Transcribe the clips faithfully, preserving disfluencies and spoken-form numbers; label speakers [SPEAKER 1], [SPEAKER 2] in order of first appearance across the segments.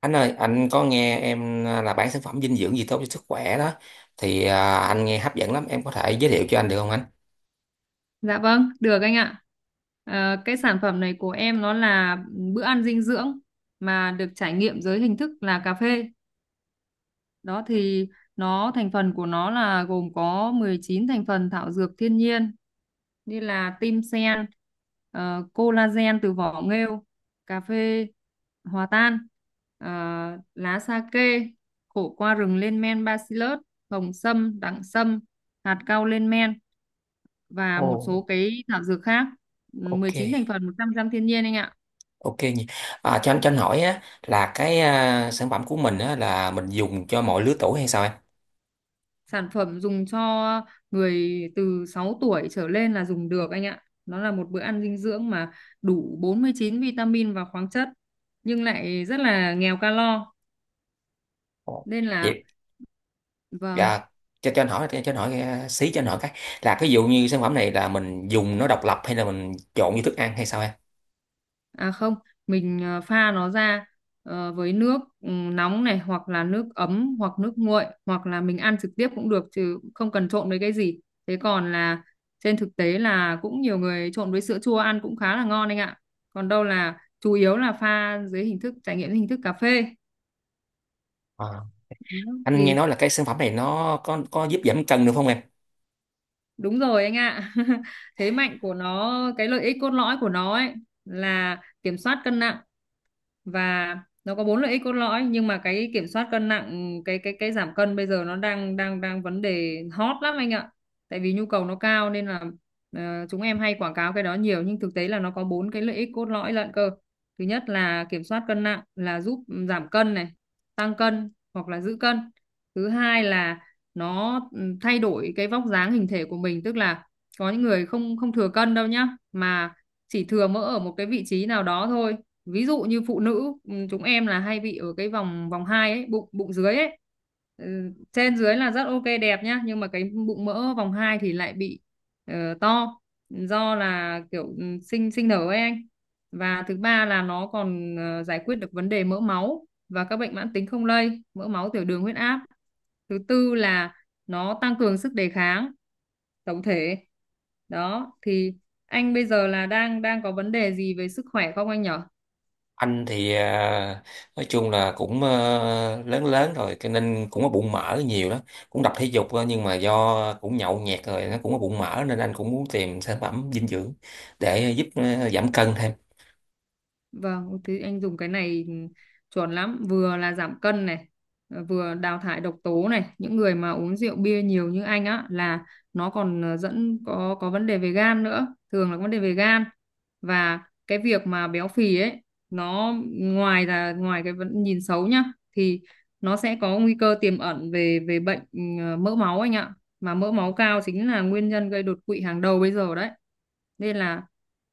[SPEAKER 1] Anh ơi, anh có nghe em à, là bán sản phẩm dinh dưỡng gì tốt cho sức khỏe đó thì à, anh nghe hấp dẫn lắm, em có thể giới thiệu cho anh được không anh?
[SPEAKER 2] Dạ vâng, được anh ạ. Ờ, cái sản phẩm này của em nó là bữa ăn dinh dưỡng mà được trải nghiệm dưới hình thức là cà phê. Đó thì nó thành phần của nó là gồm có mười chín thành phần thảo dược thiên nhiên như là tim sen, ờ, collagen từ vỏ nghêu, cà phê hòa tan, ờ, lá sa kê, khổ qua rừng lên men bacillus, hồng sâm, đẳng sâm, hạt cau lên men và một
[SPEAKER 1] Ồ,
[SPEAKER 2] số cái thảo dược khác. Ừ,
[SPEAKER 1] ok,
[SPEAKER 2] mười chín thành phần một trăm phần trăm thiên nhiên anh ạ.
[SPEAKER 1] ok nhỉ. À, cho anh cho anh hỏi á là cái à, sản phẩm của mình á là mình dùng cho mọi lứa tuổi hay sao em?
[SPEAKER 2] Sản phẩm dùng cho người từ sáu tuổi trở lên là dùng được anh ạ. Nó là một bữa ăn dinh dưỡng mà đủ bốn mươi chín vitamin và khoáng chất nhưng lại rất là nghèo calo
[SPEAKER 1] Ồ,
[SPEAKER 2] nên là
[SPEAKER 1] vậy
[SPEAKER 2] vâng.
[SPEAKER 1] à, cho cho anh hỏi cho anh hỏi à, xí cho anh hỏi cái là cái dụ như sản phẩm này là mình dùng nó độc lập hay là mình trộn với thức ăn hay sao em?
[SPEAKER 2] À không, mình ờ, pha nó ra ờ, với nước ừ, nóng này hoặc là nước ấm hoặc nước nguội hoặc là mình ăn trực tiếp cũng được chứ không cần trộn với cái gì. Thế còn là trên thực tế là cũng nhiều người trộn với sữa chua ăn cũng khá là ngon anh ạ. Còn đâu là chủ yếu là pha dưới hình thức trải nghiệm dưới hình thức cà phê.
[SPEAKER 1] À,
[SPEAKER 2] Đó.
[SPEAKER 1] anh nghe
[SPEAKER 2] Thì
[SPEAKER 1] nói là cái sản phẩm này nó có có giúp giảm cân được không em?
[SPEAKER 2] đúng rồi anh ạ. Thế mạnh của nó, cái lợi ích cốt lõi của nó ấy là kiểm soát cân nặng, và nó có bốn lợi ích cốt lõi. Nhưng mà cái kiểm soát cân nặng, cái cái cái giảm cân bây giờ nó đang đang đang vấn đề hot lắm anh ạ, tại vì nhu cầu nó cao nên là ờ, chúng em hay quảng cáo cái đó nhiều, nhưng thực tế là nó có bốn cái lợi ích cốt lõi lận cơ. Thứ nhất là kiểm soát cân nặng, là giúp giảm cân này, tăng cân hoặc là giữ cân. Thứ hai là nó ừ, thay đổi cái vóc dáng hình thể của mình, tức là có những người không không thừa cân đâu nhá, mà chỉ thừa mỡ ở một cái vị trí nào đó thôi, ví dụ như phụ nữ ừ, chúng em là hay bị ở cái vòng vòng hai ấy, bụng bụng dưới ấy. Ừ, trên dưới là rất ok đẹp nhá, nhưng mà cái bụng mỡ vòng hai thì lại bị ờ, to, do là kiểu ừ, sinh sinh nở ấy anh. Và thứ ba là nó còn ờ, giải quyết được vấn đề mỡ máu và các bệnh mãn tính không lây, mỡ máu, tiểu đường, huyết áp. Thứ tư là nó tăng cường sức đề kháng tổng thể. Đó thì anh bây giờ là đang đang có vấn đề gì về sức khỏe không anh nhỉ?
[SPEAKER 1] Anh thì à, nói chung là cũng ờ, lớn lớn rồi cho nên cũng có bụng mỡ nhiều đó, cũng tập thể dục thôi, nhưng mà do cũng nhậu nhẹt rồi nó cũng có bụng mỡ nên anh cũng muốn tìm sản phẩm dinh dưỡng để giúp ờ, giảm cân thêm.
[SPEAKER 2] Vâng, thế anh dùng cái này chuẩn lắm, vừa là giảm cân này, ờ, vừa đào thải độc tố này. Những người mà uống rượu bia nhiều như anh á là nó còn ờ, dẫn có có vấn đề về gan nữa, thường là vấn đề về gan. Và cái việc mà béo phì ấy, nó ngoài là ngoài cái vấn nhìn xấu nhá, thì nó sẽ có nguy cơ tiềm ẩn về về bệnh ờ, mỡ máu anh ạ. Mà mỡ máu cao chính là nguyên nhân gây đột quỵ hàng đầu bây giờ đấy, nên là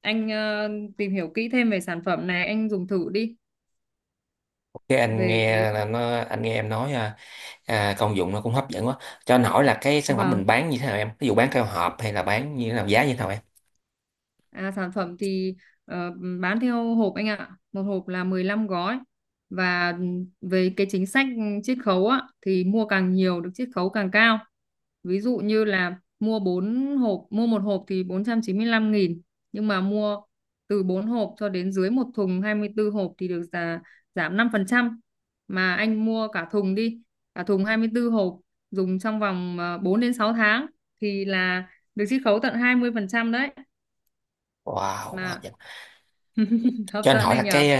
[SPEAKER 2] anh ờ, tìm hiểu kỹ thêm về sản phẩm này, anh dùng thử đi
[SPEAKER 1] Cái anh
[SPEAKER 2] về cái
[SPEAKER 1] nghe là nó anh nghe em nói à, à, công dụng nó cũng hấp dẫn quá. Cho anh hỏi là cái sản phẩm
[SPEAKER 2] và
[SPEAKER 1] mình bán như thế nào em, ví dụ bán theo hộp hay là bán như thế nào, giá như thế nào em?
[SPEAKER 2] À, sản phẩm thì ờ, bán theo hộp anh ạ. Một hộp là mười lăm gói. Và về cái chính sách chiết khấu á, thì mua càng nhiều được chiết khấu càng cao. Ví dụ như là mua bốn hộp, mua một hộp thì bốn trăm chín mươi lăm nghìn. Nhưng mà mua từ bốn hộp cho đến dưới một thùng hai mươi tư hộp thì được giá, giảm năm phần trăm. Mà anh mua cả thùng đi, cả thùng hai mươi tư hộp dùng trong vòng ờ, bốn đến sáu tháng thì là được chiết khấu tận hai mươi phần trăm đấy,
[SPEAKER 1] Wow, hấp
[SPEAKER 2] mà
[SPEAKER 1] dẫn.
[SPEAKER 2] hấp
[SPEAKER 1] Cho anh
[SPEAKER 2] dẫn
[SPEAKER 1] hỏi
[SPEAKER 2] này
[SPEAKER 1] là
[SPEAKER 2] nhỉ.
[SPEAKER 1] cái ờ,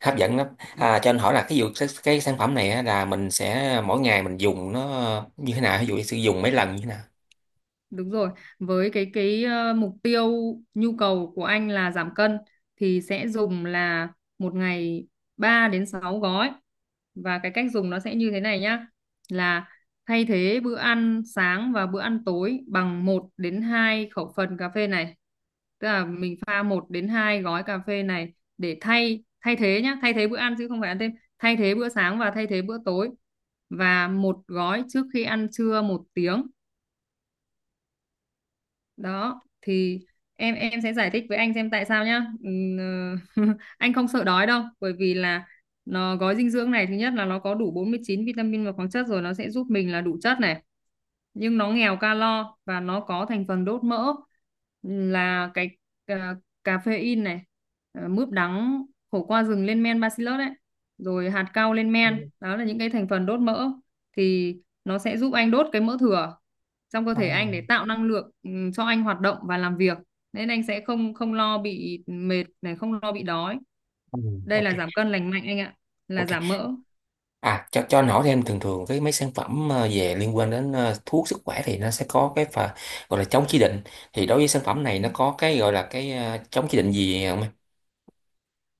[SPEAKER 1] hấp dẫn lắm. À, cho anh hỏi là cái vụ cái, cái sản phẩm này á, là mình sẽ mỗi ngày mình dùng nó như thế nào, ví dụ sử dụng mấy lần như thế nào?
[SPEAKER 2] Đúng rồi, với cái cái ờ, mục tiêu nhu cầu của anh là giảm cân thì sẽ dùng là một ngày ba đến sáu gói. Và cái cách dùng nó sẽ như thế này nhá, là thay thế bữa ăn sáng và bữa ăn tối bằng một đến hai khẩu phần cà phê này. Tức là mình pha một đến hai gói cà phê này để thay thay thế nhá, thay thế bữa ăn chứ không phải ăn thêm, thay thế bữa sáng và thay thế bữa tối, và một gói trước khi ăn trưa một tiếng. Đó thì em em sẽ giải thích với anh xem tại sao nhá. Ừm, anh không sợ đói đâu, bởi vì là nó gói dinh dưỡng này thứ nhất là nó có đủ bốn mươi chín vitamin và khoáng chất rồi, nó sẽ giúp mình là đủ chất này, nhưng nó nghèo calo và nó có thành phần đốt mỡ là cái cà, caffeine này, ờ, mướp đắng, khổ qua rừng lên men bacillus đấy, rồi hạt cau lên
[SPEAKER 1] Ừ,
[SPEAKER 2] men, đó là những cái thành phần đốt mỡ, thì nó sẽ giúp anh đốt cái mỡ thừa trong cơ
[SPEAKER 1] à,
[SPEAKER 2] thể anh để tạo năng lượng ừ, cho anh hoạt động và làm việc, nên anh sẽ không không lo bị mệt này, không lo bị đói.
[SPEAKER 1] ừ,
[SPEAKER 2] Đây
[SPEAKER 1] ok,
[SPEAKER 2] là giảm cân lành mạnh anh ạ, là
[SPEAKER 1] ok.
[SPEAKER 2] giảm mỡ.
[SPEAKER 1] À, cho cho anh hỏi thêm, thường thường cái mấy sản phẩm ờ, về liên quan đến ờ, thuốc sức khỏe thì nó sẽ có cái phần gọi là chống chỉ định, thì đối với sản phẩm này nó có cái gọi là cái ờ, chống chỉ định gì không em?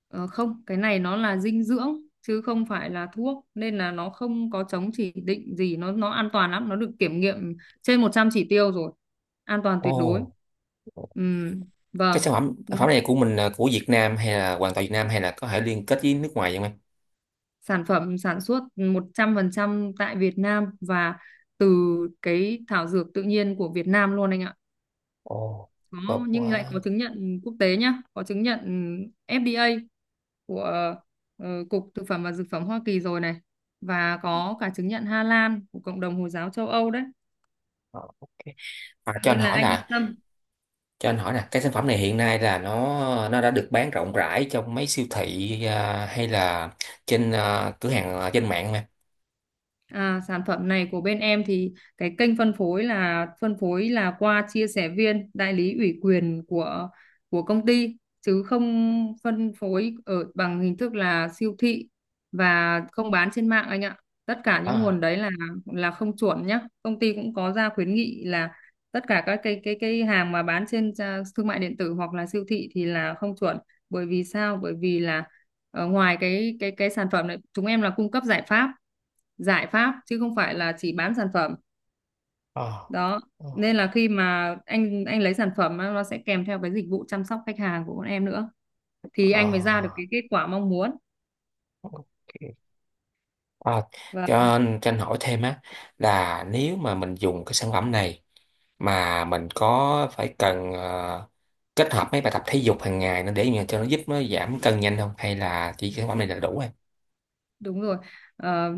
[SPEAKER 2] Ờ, không, cái này nó là dinh dưỡng chứ không phải là thuốc nên là nó không có chống chỉ định gì, nó nó an toàn lắm, nó được kiểm nghiệm trên một trăm chỉ tiêu rồi. An toàn
[SPEAKER 1] Ồ.
[SPEAKER 2] tuyệt đối. Ừm,
[SPEAKER 1] Cái
[SPEAKER 2] vâng.
[SPEAKER 1] sản phẩm
[SPEAKER 2] Nó,
[SPEAKER 1] sản phẩm này của mình là của Việt Nam hay là hoàn toàn Việt Nam hay là có thể liên kết với nước ngoài vậy không em?
[SPEAKER 2] sản phẩm sản xuất một trăm phần trăm tại Việt Nam và từ cái thảo dược tự nhiên của Việt Nam luôn anh ạ.
[SPEAKER 1] Ồ,
[SPEAKER 2] có
[SPEAKER 1] tốt
[SPEAKER 2] nhưng lại có
[SPEAKER 1] quá.
[SPEAKER 2] chứng nhận quốc tế nhá, có chứng nhận ép đê a của ờ, Cục Thực phẩm và Dược phẩm Hoa Kỳ rồi này, và có cả chứng nhận Hà Lan của cộng đồng Hồi giáo châu Âu đấy,
[SPEAKER 1] Ờ, ok. À, cho anh
[SPEAKER 2] nên là
[SPEAKER 1] hỏi
[SPEAKER 2] anh yên
[SPEAKER 1] là
[SPEAKER 2] tâm.
[SPEAKER 1] cho anh hỏi là cái sản phẩm này hiện nay là nó nó đã được bán rộng rãi trong mấy siêu thị à, hay là trên à, cửa hàng à, trên mạng mà?
[SPEAKER 2] À, sản phẩm này của bên em thì cái kênh phân phối là phân phối là qua chia sẻ viên đại lý ủy quyền của của công ty chứ không phân phối ở bằng hình thức là siêu thị và không bán trên mạng anh ạ. Tất cả những nguồn
[SPEAKER 1] À,
[SPEAKER 2] đấy là là không chuẩn nhá. Công ty cũng có ra khuyến nghị là tất cả các cái cái cái hàng mà bán trên à, thương mại điện tử hoặc là siêu thị thì là không chuẩn. Bởi vì sao? Bởi vì là, Ờ, ngoài cái cái cái sản phẩm này, chúng em là cung cấp giải pháp, giải pháp chứ không phải là chỉ bán sản phẩm
[SPEAKER 1] à,
[SPEAKER 2] đó,
[SPEAKER 1] à,
[SPEAKER 2] nên là khi mà anh anh lấy sản phẩm á, nó sẽ kèm theo cái dịch vụ chăm sóc khách hàng của bọn em nữa, thì anh mới ra được
[SPEAKER 1] à,
[SPEAKER 2] cái kết quả mong muốn.
[SPEAKER 1] ok. À,
[SPEAKER 2] Và.
[SPEAKER 1] cho anh cho anh hỏi thêm á, là nếu mà mình dùng cái sản phẩm này mà mình có phải cần à, kết hợp mấy bài tập thể dục hàng ngày nữa để mà cho nó giúp nó giảm cân nhanh không, hay là chỉ cái sản phẩm này là đủ?
[SPEAKER 2] Đúng rồi. Ờ,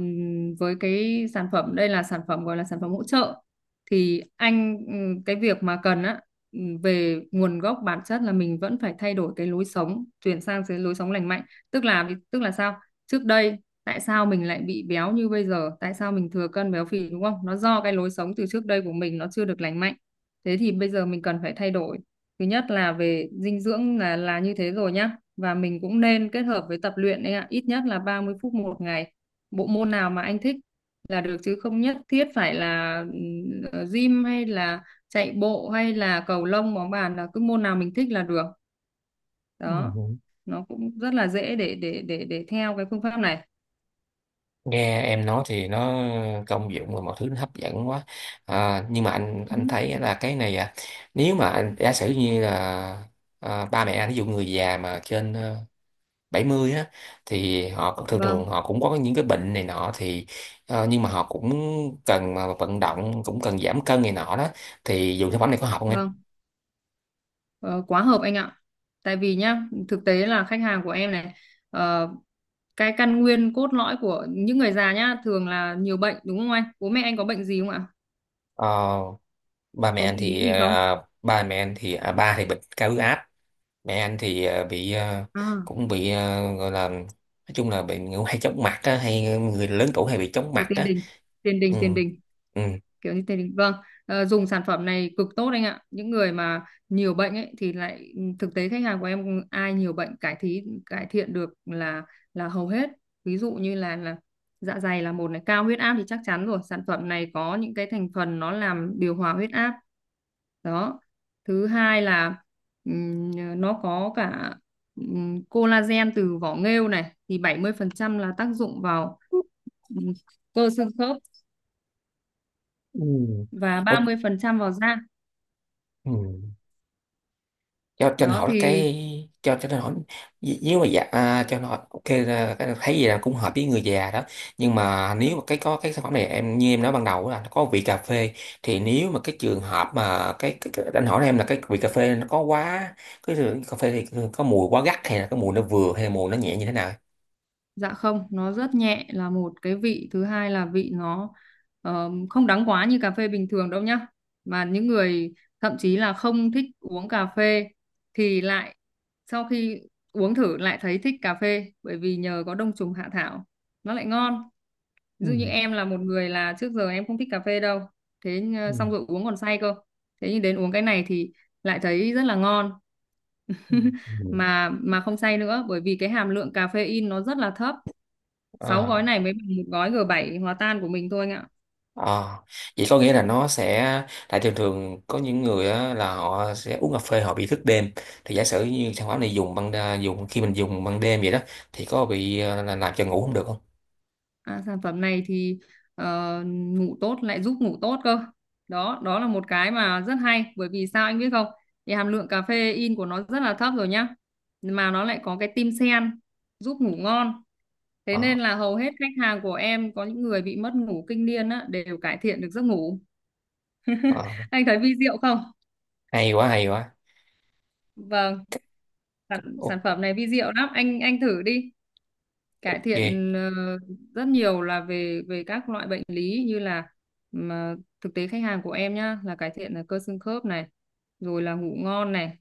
[SPEAKER 2] với cái sản phẩm đây là sản phẩm gọi là sản phẩm hỗ trợ, thì anh ừ, cái việc mà cần á ừ, về nguồn gốc bản chất là mình vẫn phải thay đổi cái lối sống, chuyển sang cái lối sống lành mạnh. Tức là tức là sao? Trước đây tại sao mình lại bị béo như bây giờ, tại sao mình thừa cân béo phì, đúng không? Nó do cái lối sống từ trước đây của mình nó chưa được lành mạnh. Thế thì bây giờ mình cần phải thay đổi. Thứ nhất là về dinh dưỡng là là như thế rồi nhá, và mình cũng nên kết hợp với tập luyện đấy ạ, ít nhất là ba mươi phút một ngày. Bộ môn nào mà anh thích là được, chứ không nhất thiết phải là ừ, ờ, gym hay là chạy bộ hay là cầu lông bóng bàn, là cứ môn nào mình thích là được. Đó.
[SPEAKER 1] Rồi,
[SPEAKER 2] Nó cũng rất là dễ để để để để theo cái phương pháp này.
[SPEAKER 1] nghe em nói thì nó công dụng và mọi thứ nó hấp dẫn quá. À, nhưng mà anh
[SPEAKER 2] Ừ,
[SPEAKER 1] anh thấy là cái này à, nếu mà anh giả sử như là à, ba mẹ anh, ví dụ người già mà trên ờ, bảy mươi á, thì họ cũng- thường
[SPEAKER 2] Vâng,
[SPEAKER 1] thường họ cũng có những cái bệnh này nọ thì ờ, nhưng mà họ cũng cần mà vận động, cũng cần giảm cân này nọ đó, thì dùng sản phẩm này có học không em?
[SPEAKER 2] vâng. Ờ, quá hợp anh ạ. Tại vì nhá, thực tế là khách hàng của em này, ờ, cái căn nguyên cốt lõi của những người già nhá thường là nhiều bệnh đúng không anh? Bố mẹ anh có bệnh gì không ạ?
[SPEAKER 1] Ờ, ba mẹ
[SPEAKER 2] Có
[SPEAKER 1] anh
[SPEAKER 2] bị lý
[SPEAKER 1] thì
[SPEAKER 2] gì không?
[SPEAKER 1] à, ba mẹ anh thì à, ba thì bệnh cao huyết áp, mẹ anh thì ờ, bị ờ,
[SPEAKER 2] À,
[SPEAKER 1] cũng bị ờ, gọi là nói chung là bị ngủ hay chóng mặt á, hay người lớn tuổi hay bị chóng
[SPEAKER 2] rồi
[SPEAKER 1] mặt
[SPEAKER 2] tiền
[SPEAKER 1] á.
[SPEAKER 2] đình, tiền
[SPEAKER 1] Ừ.
[SPEAKER 2] đình tiền đình,
[SPEAKER 1] Ừ.
[SPEAKER 2] kiểu như tiền đình, vâng. ờ, dùng sản phẩm này cực tốt anh ạ, những người mà nhiều bệnh ấy thì lại ừ, thực tế khách hàng của em ai nhiều bệnh cải thí cải thiện được là là hầu hết, ví dụ như là là dạ dày là một này, cao huyết áp thì chắc chắn rồi, sản phẩm này có những cái thành phần nó làm điều hòa huyết áp đó. Thứ hai là ừm, nó có cả ừm, collagen từ vỏ nghêu này, thì bảy mươi phần trăm là tác dụng vào ừ, cơ xương khớp,
[SPEAKER 1] Ừ.
[SPEAKER 2] và
[SPEAKER 1] Ủa,
[SPEAKER 2] ba mươi phần trăm vào da.
[SPEAKER 1] ừ. cho cho anh
[SPEAKER 2] Đó
[SPEAKER 1] hỏi
[SPEAKER 2] thì
[SPEAKER 1] cái cho cho anh hỏi n- nếu mà dạ à, cho anh hỏi ok là cái thấy gì là cũng hợp với người già đó, nhưng mà nếu mà cái có cái sản phẩm này em như em nói ban đầu là nó có vị cà phê, thì nếu mà cái trường hợp mà cái, cái, cái anh hỏi em là cái vị cà phê nó có quá cái cà phê thì có mùi quá gắt hay là cái mùi nó vừa hay là mùi nó nhẹ như thế nào?
[SPEAKER 2] dạ không, nó rất nhẹ là một cái vị, thứ hai là vị nó ờ, không đắng quá như cà phê bình thường đâu nhá. Mà những người thậm chí là không thích uống cà phê thì lại sau khi uống thử lại thấy thích cà phê, bởi vì nhờ có đông trùng hạ thảo nó lại ngon. Ví dụ như
[SPEAKER 1] Ừ,
[SPEAKER 2] em là một người là trước giờ em không thích cà phê đâu, thế ờ,
[SPEAKER 1] ừ,
[SPEAKER 2] xong rồi uống còn say cơ, thế nhưng đến uống cái này thì lại thấy rất là ngon,
[SPEAKER 1] ừ, ừ.
[SPEAKER 2] mà mà không say nữa, bởi vì cái hàm lượng caffeine nó rất là thấp, sáu gói
[SPEAKER 1] Ờ,
[SPEAKER 2] này mới bằng một gói g bảy hòa tan của mình thôi anh ạ.
[SPEAKER 1] ờ. Vậy có nghĩa là nó sẽ, tại thường thường có những người á, là họ sẽ uống cà phê họ bị thức đêm, thì giả sử như sản phẩm này dùng ban đa- dùng khi mình dùng ban đêm vậy đó, thì có bị ờ, là làm cho ngủ không được không?
[SPEAKER 2] À, sản phẩm này thì ờ, ngủ tốt, lại giúp ngủ tốt cơ. Đó đó là một cái mà rất hay, bởi vì sao anh biết không? Thì hàm lượng caffeine của nó rất là thấp rồi nhá, mà nó lại có cái tim sen giúp ngủ ngon. Thế
[SPEAKER 1] Ờ,
[SPEAKER 2] nên là hầu hết khách hàng của em có những người bị mất ngủ kinh niên á, đều cải thiện được giấc ngủ.
[SPEAKER 1] ờ.
[SPEAKER 2] Anh thấy vi diệu không?
[SPEAKER 1] Hay quá, hay quá.
[SPEAKER 2] Vâng, sản, sản phẩm này vi diệu lắm, anh anh thử đi. Cải
[SPEAKER 1] Ok,
[SPEAKER 2] thiện ờ, rất nhiều là về về các loại bệnh lý như là, mà thực tế khách hàng của em nhá, là cải thiện là cơ xương khớp này, rồi là ngủ ngon này,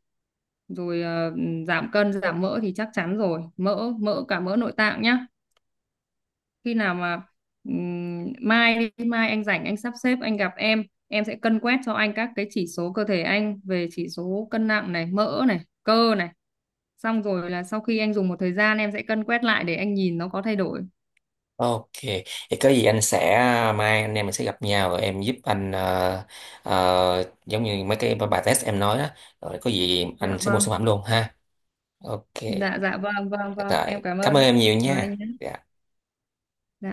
[SPEAKER 2] rồi ờ, giảm cân, giảm mỡ thì chắc chắn rồi, mỡ mỡ cả mỡ nội tạng nhá. Khi nào mà ừm, mai đi, mai anh rảnh anh sắp xếp anh gặp em em sẽ cân quét cho anh các cái chỉ số cơ thể anh về chỉ số cân nặng này, mỡ này, cơ này, xong rồi là sau khi anh dùng một thời gian em sẽ cân quét lại để anh nhìn nó có thay đổi.
[SPEAKER 1] ok. Thì có gì anh sẽ, mai anh em mình sẽ gặp nhau rồi em giúp anh ờ, ờ, giống như mấy cái bài test em nói đó, rồi có gì
[SPEAKER 2] Dạ
[SPEAKER 1] anh sẽ mua
[SPEAKER 2] vâng,
[SPEAKER 1] sản phẩm luôn ha. Ok.
[SPEAKER 2] dạ dạ vâng vâng vâng, em
[SPEAKER 1] Rồi,
[SPEAKER 2] cảm
[SPEAKER 1] cảm
[SPEAKER 2] ơn
[SPEAKER 1] ơn
[SPEAKER 2] ạ.
[SPEAKER 1] em nhiều
[SPEAKER 2] Rồi anh
[SPEAKER 1] nha.
[SPEAKER 2] nhé.
[SPEAKER 1] Dạ.
[SPEAKER 2] Dạ.